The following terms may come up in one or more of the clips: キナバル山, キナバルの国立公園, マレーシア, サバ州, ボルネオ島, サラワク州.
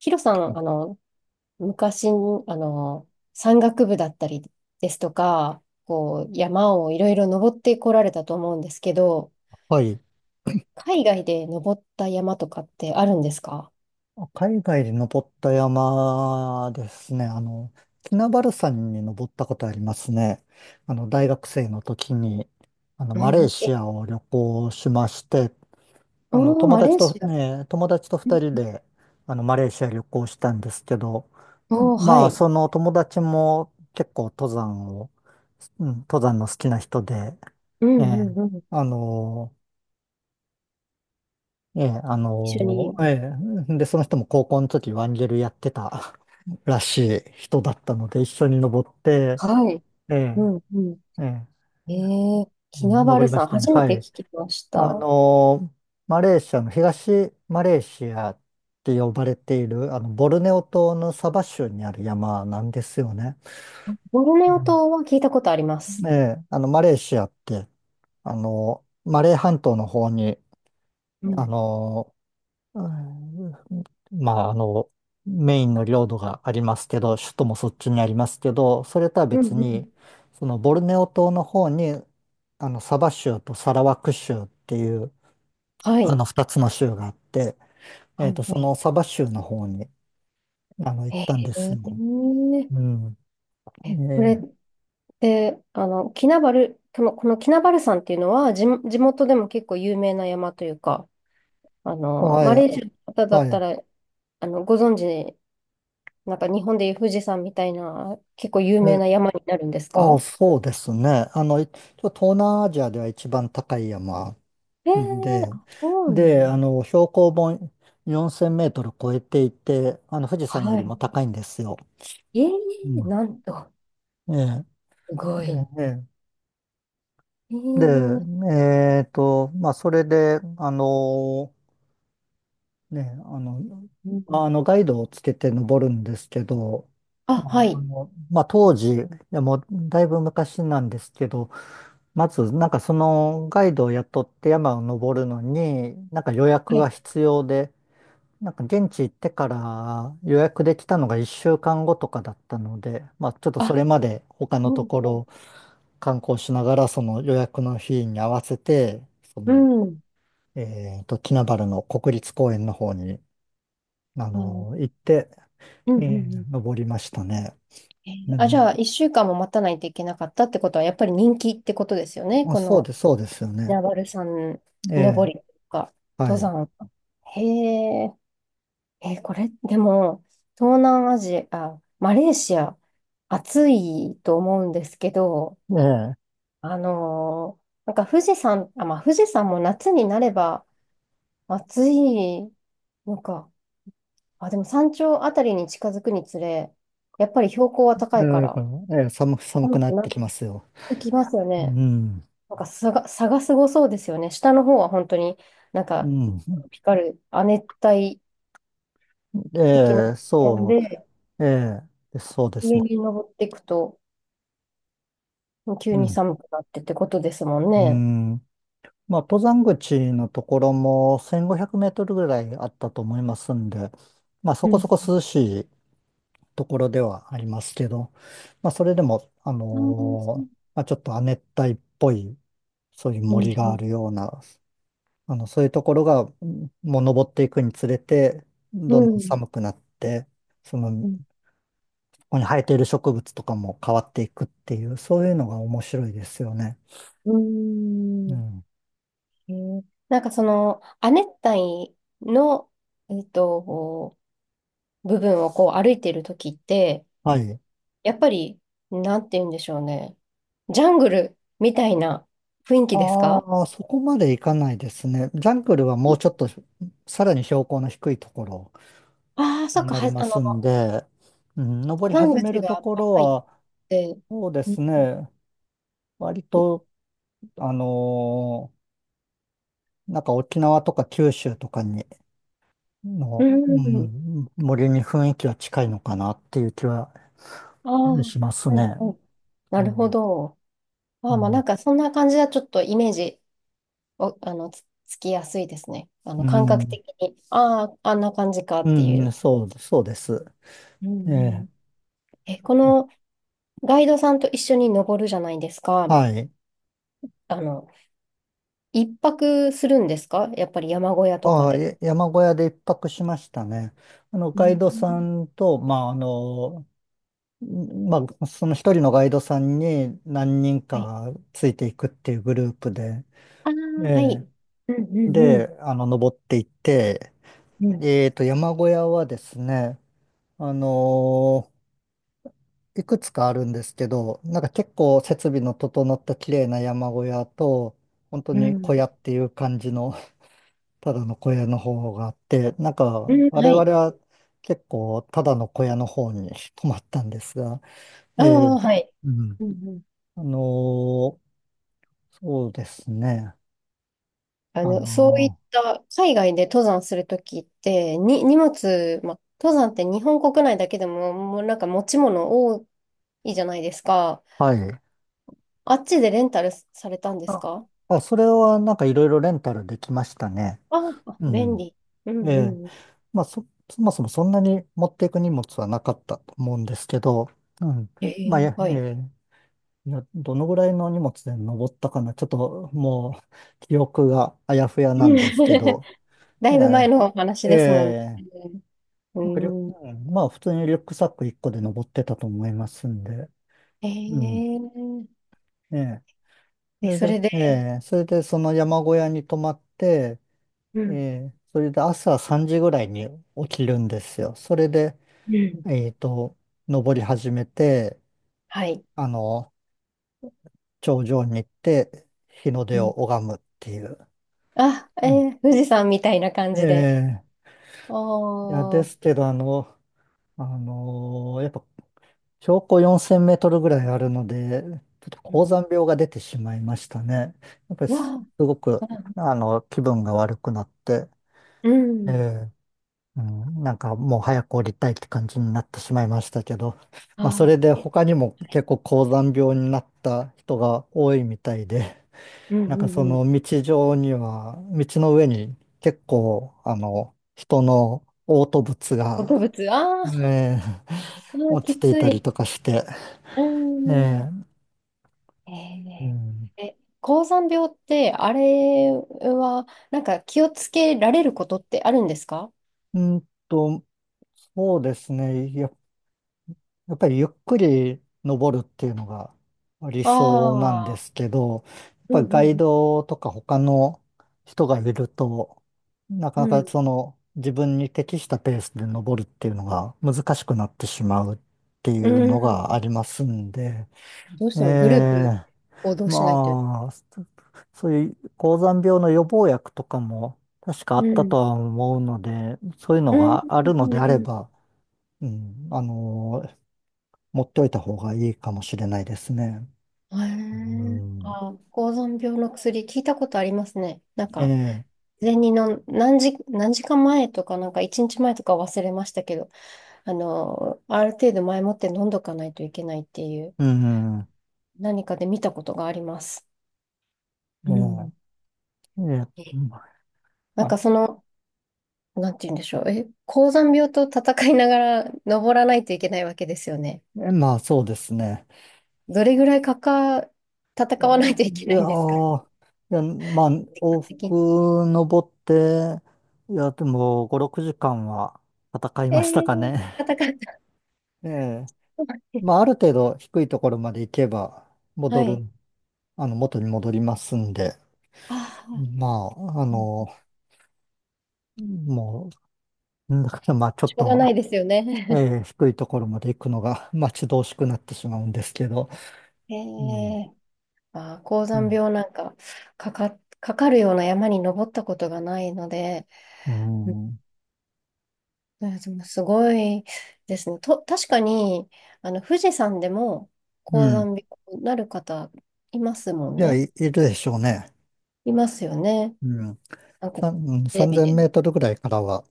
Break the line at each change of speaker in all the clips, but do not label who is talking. ヒロさん、昔、の、山岳部だったりですとか、こう、山をいろいろ登ってこられたと思うんですけど、
はい。
海外で登った山とかってあるんですか？
海外で登った山ですね。キナバル山に登ったことありますね。大学生の時に、マレー
あ
シ
え、
アを旅行しまして、
おー、
友
マレ
達
ー
と
シア。
ね、友達と
うん
二人
うん。
で、マレーシア旅行したんですけど、
おー、は
まあ、
い。
その友達も結構登山を、うん、登山の好きな人で、
う
え
ん
え、
うんうん。
あの、ええ、あ
一緒
の、
に、
えで、その人も高校の時ワンゲルやってたらしい人だったので、一緒に登って、
はい。
え
う
え、
んうん。
ええ、
えー、キ
うん
ナバ
登
ル
りま
さん、
したね。
初め
は
て
い。
聞きまし
あ
た。
の、マレーシアの東マレーシアって呼ばれている、ボルネオ島のサバ州にある山なんですよね。
ボルネ
う
オ
ん
島は聞いたことありま
え
す。
え、マレーシアって、マレー半島の方に、
う
あ
ん、
の、うんまあ、メインの領土がありますけど、首都もそっちにありますけど、それとは
うんう
別
ん。
に、そのボルネオ島の方に、サバ州とサラワク州っていう、
はい。
二つの州があって、え
は
っ
い。
と、
は
そ
い。
のサバ州の方に、行っ
え
たんですよ。う
ー
ん。え
え、これっ
ー
て、キナバル、このキナバル山っていうのは、地元でも結構有名な山というか、
は
マ
い、
レーシアの方だ
は
った
い。
ら、ご存知、なんか日本でいう富士山みたいな、結構有
え、
名な山になるんです
ああ、
か？
そうですね。あの、いちょ東南アジアでは一番高い山
えー、
で、
あ、そうな
で、
んです。
標高も4000メートル超えていて、富士山より
は
も高いんですよ。
い。え
う
ー、
ん。
なんと、
ええ、
すご
で、
い。
ね
え
で、
ー、
でえっと、まあ、それで、ね、あの、
う
ま
ん、
あの、ガイドをつけて登るんですけど、
あ、
まあ、
はい。
まあ、当時、もう、だいぶ昔なんですけど、まず、なんかそのガイドを雇って山を登るのに、なんか予約
は
が
い。
必要で、なんか現地行ってから予約できたのが1週間後とかだったので、まあちょっと
あ、
それまで他の
う
と
ん、
ころ観光しながらその予約の日に合わせて、そ
う
の、
ん、うん、
えっと、キナバルの国立公園の方に、
あ、うん、
行って、
うん
え
う
え
ん。
登りましたね。う
じゃあ、
ん。
一週間も待たないといけなかったってことは、やっぱり人気ってことですよね。
まあ、
この、
そうですよね。
ナバル山
え
登
え、
りとか、
は
登
い。
山。へえ、えー、これ、でも、東南アジア、マレーシア、暑いと思うんですけど、
ええ、
なんか富士山、あ、まあ、富士山も夏になれば暑いのか。あ、でも山頂あたりに近づくにつれ、やっぱり標高は高いから、
ええ寒く
寒
な
く
っ
な
て
っ
きますよ。
てきますよ
う
ね。
ん。
なんか差がすごそうですよね。下の方は本当になん
う
か、
ん。
ピカル、亜熱帯的な
ええ、
点
そ
で、
ええ、そうです
上
ね。
に登っていくと、急
う
に
ん
寒くなってってことですもん
う
ね。
ん。まあ、登山口のところも1500メートルぐらいあったと思いますんで、まあ、そ
う
こそ
ん。
こ涼しいところではありますけど、まあ、それでも、
うんう
まあ、ちょっと亜熱帯っぽい、そういう
ん
森
う
があ
ん。
るような、そういうところが、もう登っていくにつれて、どんどん寒くなって、その、
うん。う
こ
ん
こに生えている植物とかも変わっていくっていう、そういうのが面白いですよね。
う
う
ん。
ん。
へえ。なんかその、亜熱帯の、えっと、部分をこう歩いているときって、
はい。
やっぱり、なんて言うんでしょうね。ジャングルみたいな雰囲気ですか？
ああ、そこまでいかないですね。ジャングルはもうちょっとさらに標高の低いところ
ああ、そっ
に
か、
なりますんで、うん、登り
登山
始め
口
ると
が
ころ
高いっ
は、
て。
そうで
うん。
すね、割と、あのなんか沖縄とか九州とかに
う
の、う
ん。
ん、森に雰囲気は近いのかなっていう気は
ああ、は
します
い、
ね。
はい。な
う
るほ
ん、
ど。あ
う
あ、まあな
ん、
んかそんな感じはちょっとイメージを、つきやすいですね。
う
感覚
ん、
的に、ああ、あんな感じかっていう。
そうです。
う
え
んう
え、
ん。このガイドさんと一緒に登るじゃないですか。
はい。
あの、一泊するんですか？やっぱり山小屋とか
ああ、
で。
山小屋で一泊しましたね。
う
ガイドさ
ん。
んと、まあ、その一人のガイドさんに何人
はい。
かついていくっていうグループで、
ああ、
え
は
え、
い。うんうん
で、登っていって、
うん。うん。
えっと、山小屋はですね、あのいくつかあるんですけど、なんか結構設備の整った綺麗な山小屋と、本当
う
に小
ん
屋っていう感じのただの小屋の方があって、なん
う
か、
ん。
我
は
々
い。
は結構ただの小屋の方に 泊まったんですが、え
あ
え、
あ、はい。
うん。
うんうん。
あのーそうですね。あ
そういっ
の
た海外で登山するときって、荷物、ま、登山って日本国内だけでも、もうなんか持ち物多いじゃないですか。
ーはい。
あっちでレンタルされたんです
あ、
か？
それはなんかいろいろレンタルできましたね。
ああ、
う
便
ん。
利。うん
ええ。
うん。
まあ、そもそもそんなに持っていく荷物はなかったと思うんですけど、うん。
え
まあ、
え、
や
はい。
ええいや、どのぐらいの荷物で登ったかな。ちょっともう記憶があやふやな
うん。
んですけ ど。
だ
え
いぶ前のお話
ええ
ですもんね。
え
う
まあ、リュ
ん。
うんまあ普通にリュックサック1個で登ってたと思いますんで。
え
うん。
え、
ええそれ
そ
で、
れで、
えそれでその山小屋に泊まって、
う
え
ん。
それで朝3時ぐらいに起きるんですよ。それで、
うん。
えっと、登り始めて、
はい。
あの、頂上に行って日の
う
出を
ん。
拝むっていう。
あ、えー富士山みたいな感
え
じで。
え、
あ
いや、
あ、
ですけど、やっぱ標高4000メートルぐらいあるので、ちょっと
う
高
ん。
山病が出てしまいましたね。やっぱりすごく、
あ、
気分が悪くなって、
う
え
ん。
え、うん、なんかもう早く降りたいって感じになってしまいましたけど、まあ、そ
あ
れで
ーえ、
他にも結構高山病になった人が多いみたいで、
うん
なん
う
かそ
んうん。
の道上には、道の上に結構、人の嘔吐物
動
が
物、あー。
ねえ
あー、
落ち
き
てい
つ
たり
い。
とかして、
うん。
ねう
え
ん、
ー、高山病って、あれは、なんか気をつけられることってあるんですか？
うんと、そうですね、やっぱりゆっくり登るっていうのが理想なんで
ああ
すけど、やっ
ー、う
ぱり
んう
ガイ
ん
ドとか他の人がいると、なか
う
なか
ん。
その自分に適したペースで登るっていうのが難しくなってしまうってい
う
うの
ん。
がありますんで、
どうし
え
てもグループ
え
行動しないと。
まあ、そういう高山病の予防薬とかも確かあ
う
った
ん。
とは思うので、そういう
う
の
んう
があるの
ん
であれ
うん
ば、うん、持っておいた方がいいかもしれないですね。
う
う
ん。へえ、
ん、
あー、高山病の薬、聞いたことありますね。なん
え
か、
え、
前にの何時間前とか、なんか1日前とか忘れましたけど、ある程度前もって飲んどかないといけないっていう、
うん、
何かで見たことがあります。
え
う
え、
ん。
ええ、
えなん
ま
か
あ、
なんて言うんでしょう。高山病と戦いながら登らないといけないわけですよね。
まあそうですね。
どれぐらい
あ、い
戦わないといけな
や
いんですか？
ー、いや、まあ、往
時間的に。
復登って、いや、でも5、6時間は戦い
え
ましたか
ー、
ね。
戦った。
ええ まあ、ある程度低いところまで行けば、
は
戻
い。
る、元に戻りますんで、
ああ、
まあ、もう、だからまあ、ちょ
し
っ
ょうが
と、
ないですよね。
えー低いところまで行くのが待 ち遠しくなってしまうんですけど、
え
うん、
ー。あー、高
う
山
ん、
病なんか、かかるような山に登ったことがないので、
う
うん
ん、
でもすごいですね。確かに、富士山でも
う
高
ん。
山病になる方いますも
い
ん
や、
ね。
いるでしょうね。
いますよね。
うん。
なんか、テレ
3000
ビ
メ
で。
ートルぐらいからは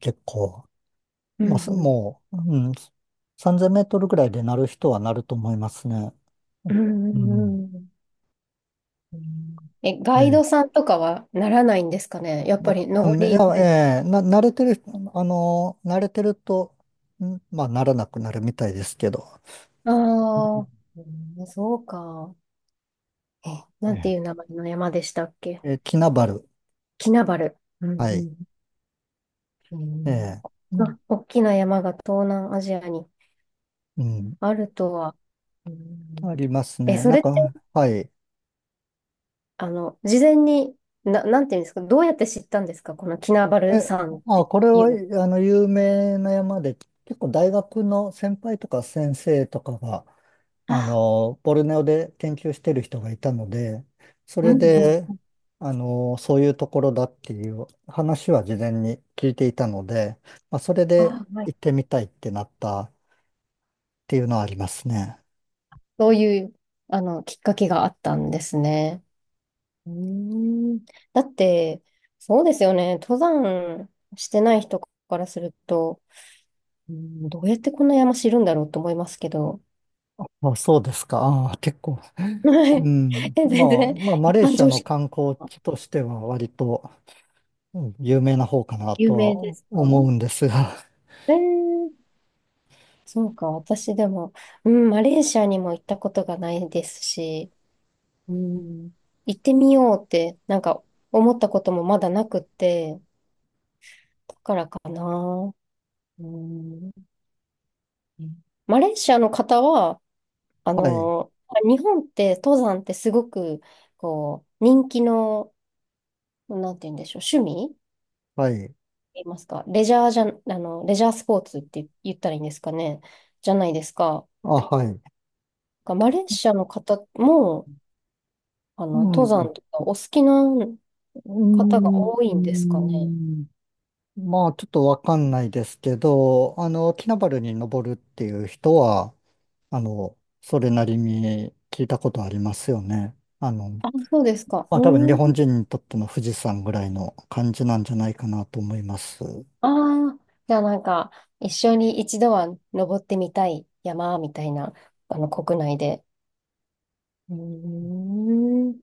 結構、
う
まあ、す
んうん。
もう、うん、3000メートルぐらいでなる人はなると思いますね。
うんう
うん。
んうん。うんガイ
え
ド
え
さんとかはならないんですかね。やっ
ま
ぱり
あ、う
登
んい
りに慣れ、
やええな、慣れてる人、あの、慣れてると、ならなくなるみたいですけど、
ああ、うんそうか。え、
うん
なんて
え
いう名前の山でしたっけ？
ええキナバル、
キナバル。う
はい、
んうん。
え
うん。
えう
あ、
ん、
大きな山が東南アジアに
うん
あるとは。う
あ
ん
りますね。
そ
なん
れって、
か、はい。
事前に、なんていうんですか、どうやって知ったんですか、このキナバ
え、
ル山っ
あ、
て
これ
い
は、
うの。
有名な山で、結構大学の先輩とか先生とかが、
あ、
ボルネオで研究してる人がいたので、そ
う
れ
ん
で、
うん。
そういうところだっていう話は事前に聞いていたので、まあ、それで
あ、はい。
行ってみたいってなったっていうのはありますね。
そういう、きっかけがあったんですね。うーん。だって、そうですよね、登山してない人からすると、うん、どうやってこんな山知るんだろうと思いますけど、
あ、そうですか。ああ、結構。
はい。
うん。ま
全
あ、
然、
まあ、マ
一
レー
般
シア
常
の
識
観光
が
地としては割とうん有名な方かな
有
と
名で
は
すか？
思うんですが。
えー、そうか、私でも、うん、マレーシアにも行ったことがないですし、うん、行ってみようって、なんか思ったこともまだなくて、だからかな。うん、マレーシアの方は、あ
はい。
の、日本って登山ってすごく、こう、人気の、なんて言うんでしょう、趣味
はい。
言いますか、レジャーじゃ、レジャースポーツって言ったらいいんですかね、じゃないですか。
あ、はい。
がマレーシアの方も、
う
登
ん。
山とかお好きな
う
方が多い
ー
んですかね。
ん。まあ、ちょっとわかんないですけど、キナバルに登るっていう人は、それなりに聞いたことありますよね。
あ、そうですか。
まあ、多分日
うん。
本人にとっての富士山ぐらいの感じなんじゃないかなと思います。
ああ、じゃあなんか、一緒に一度は登ってみたい山みたいな、国内で。うーん。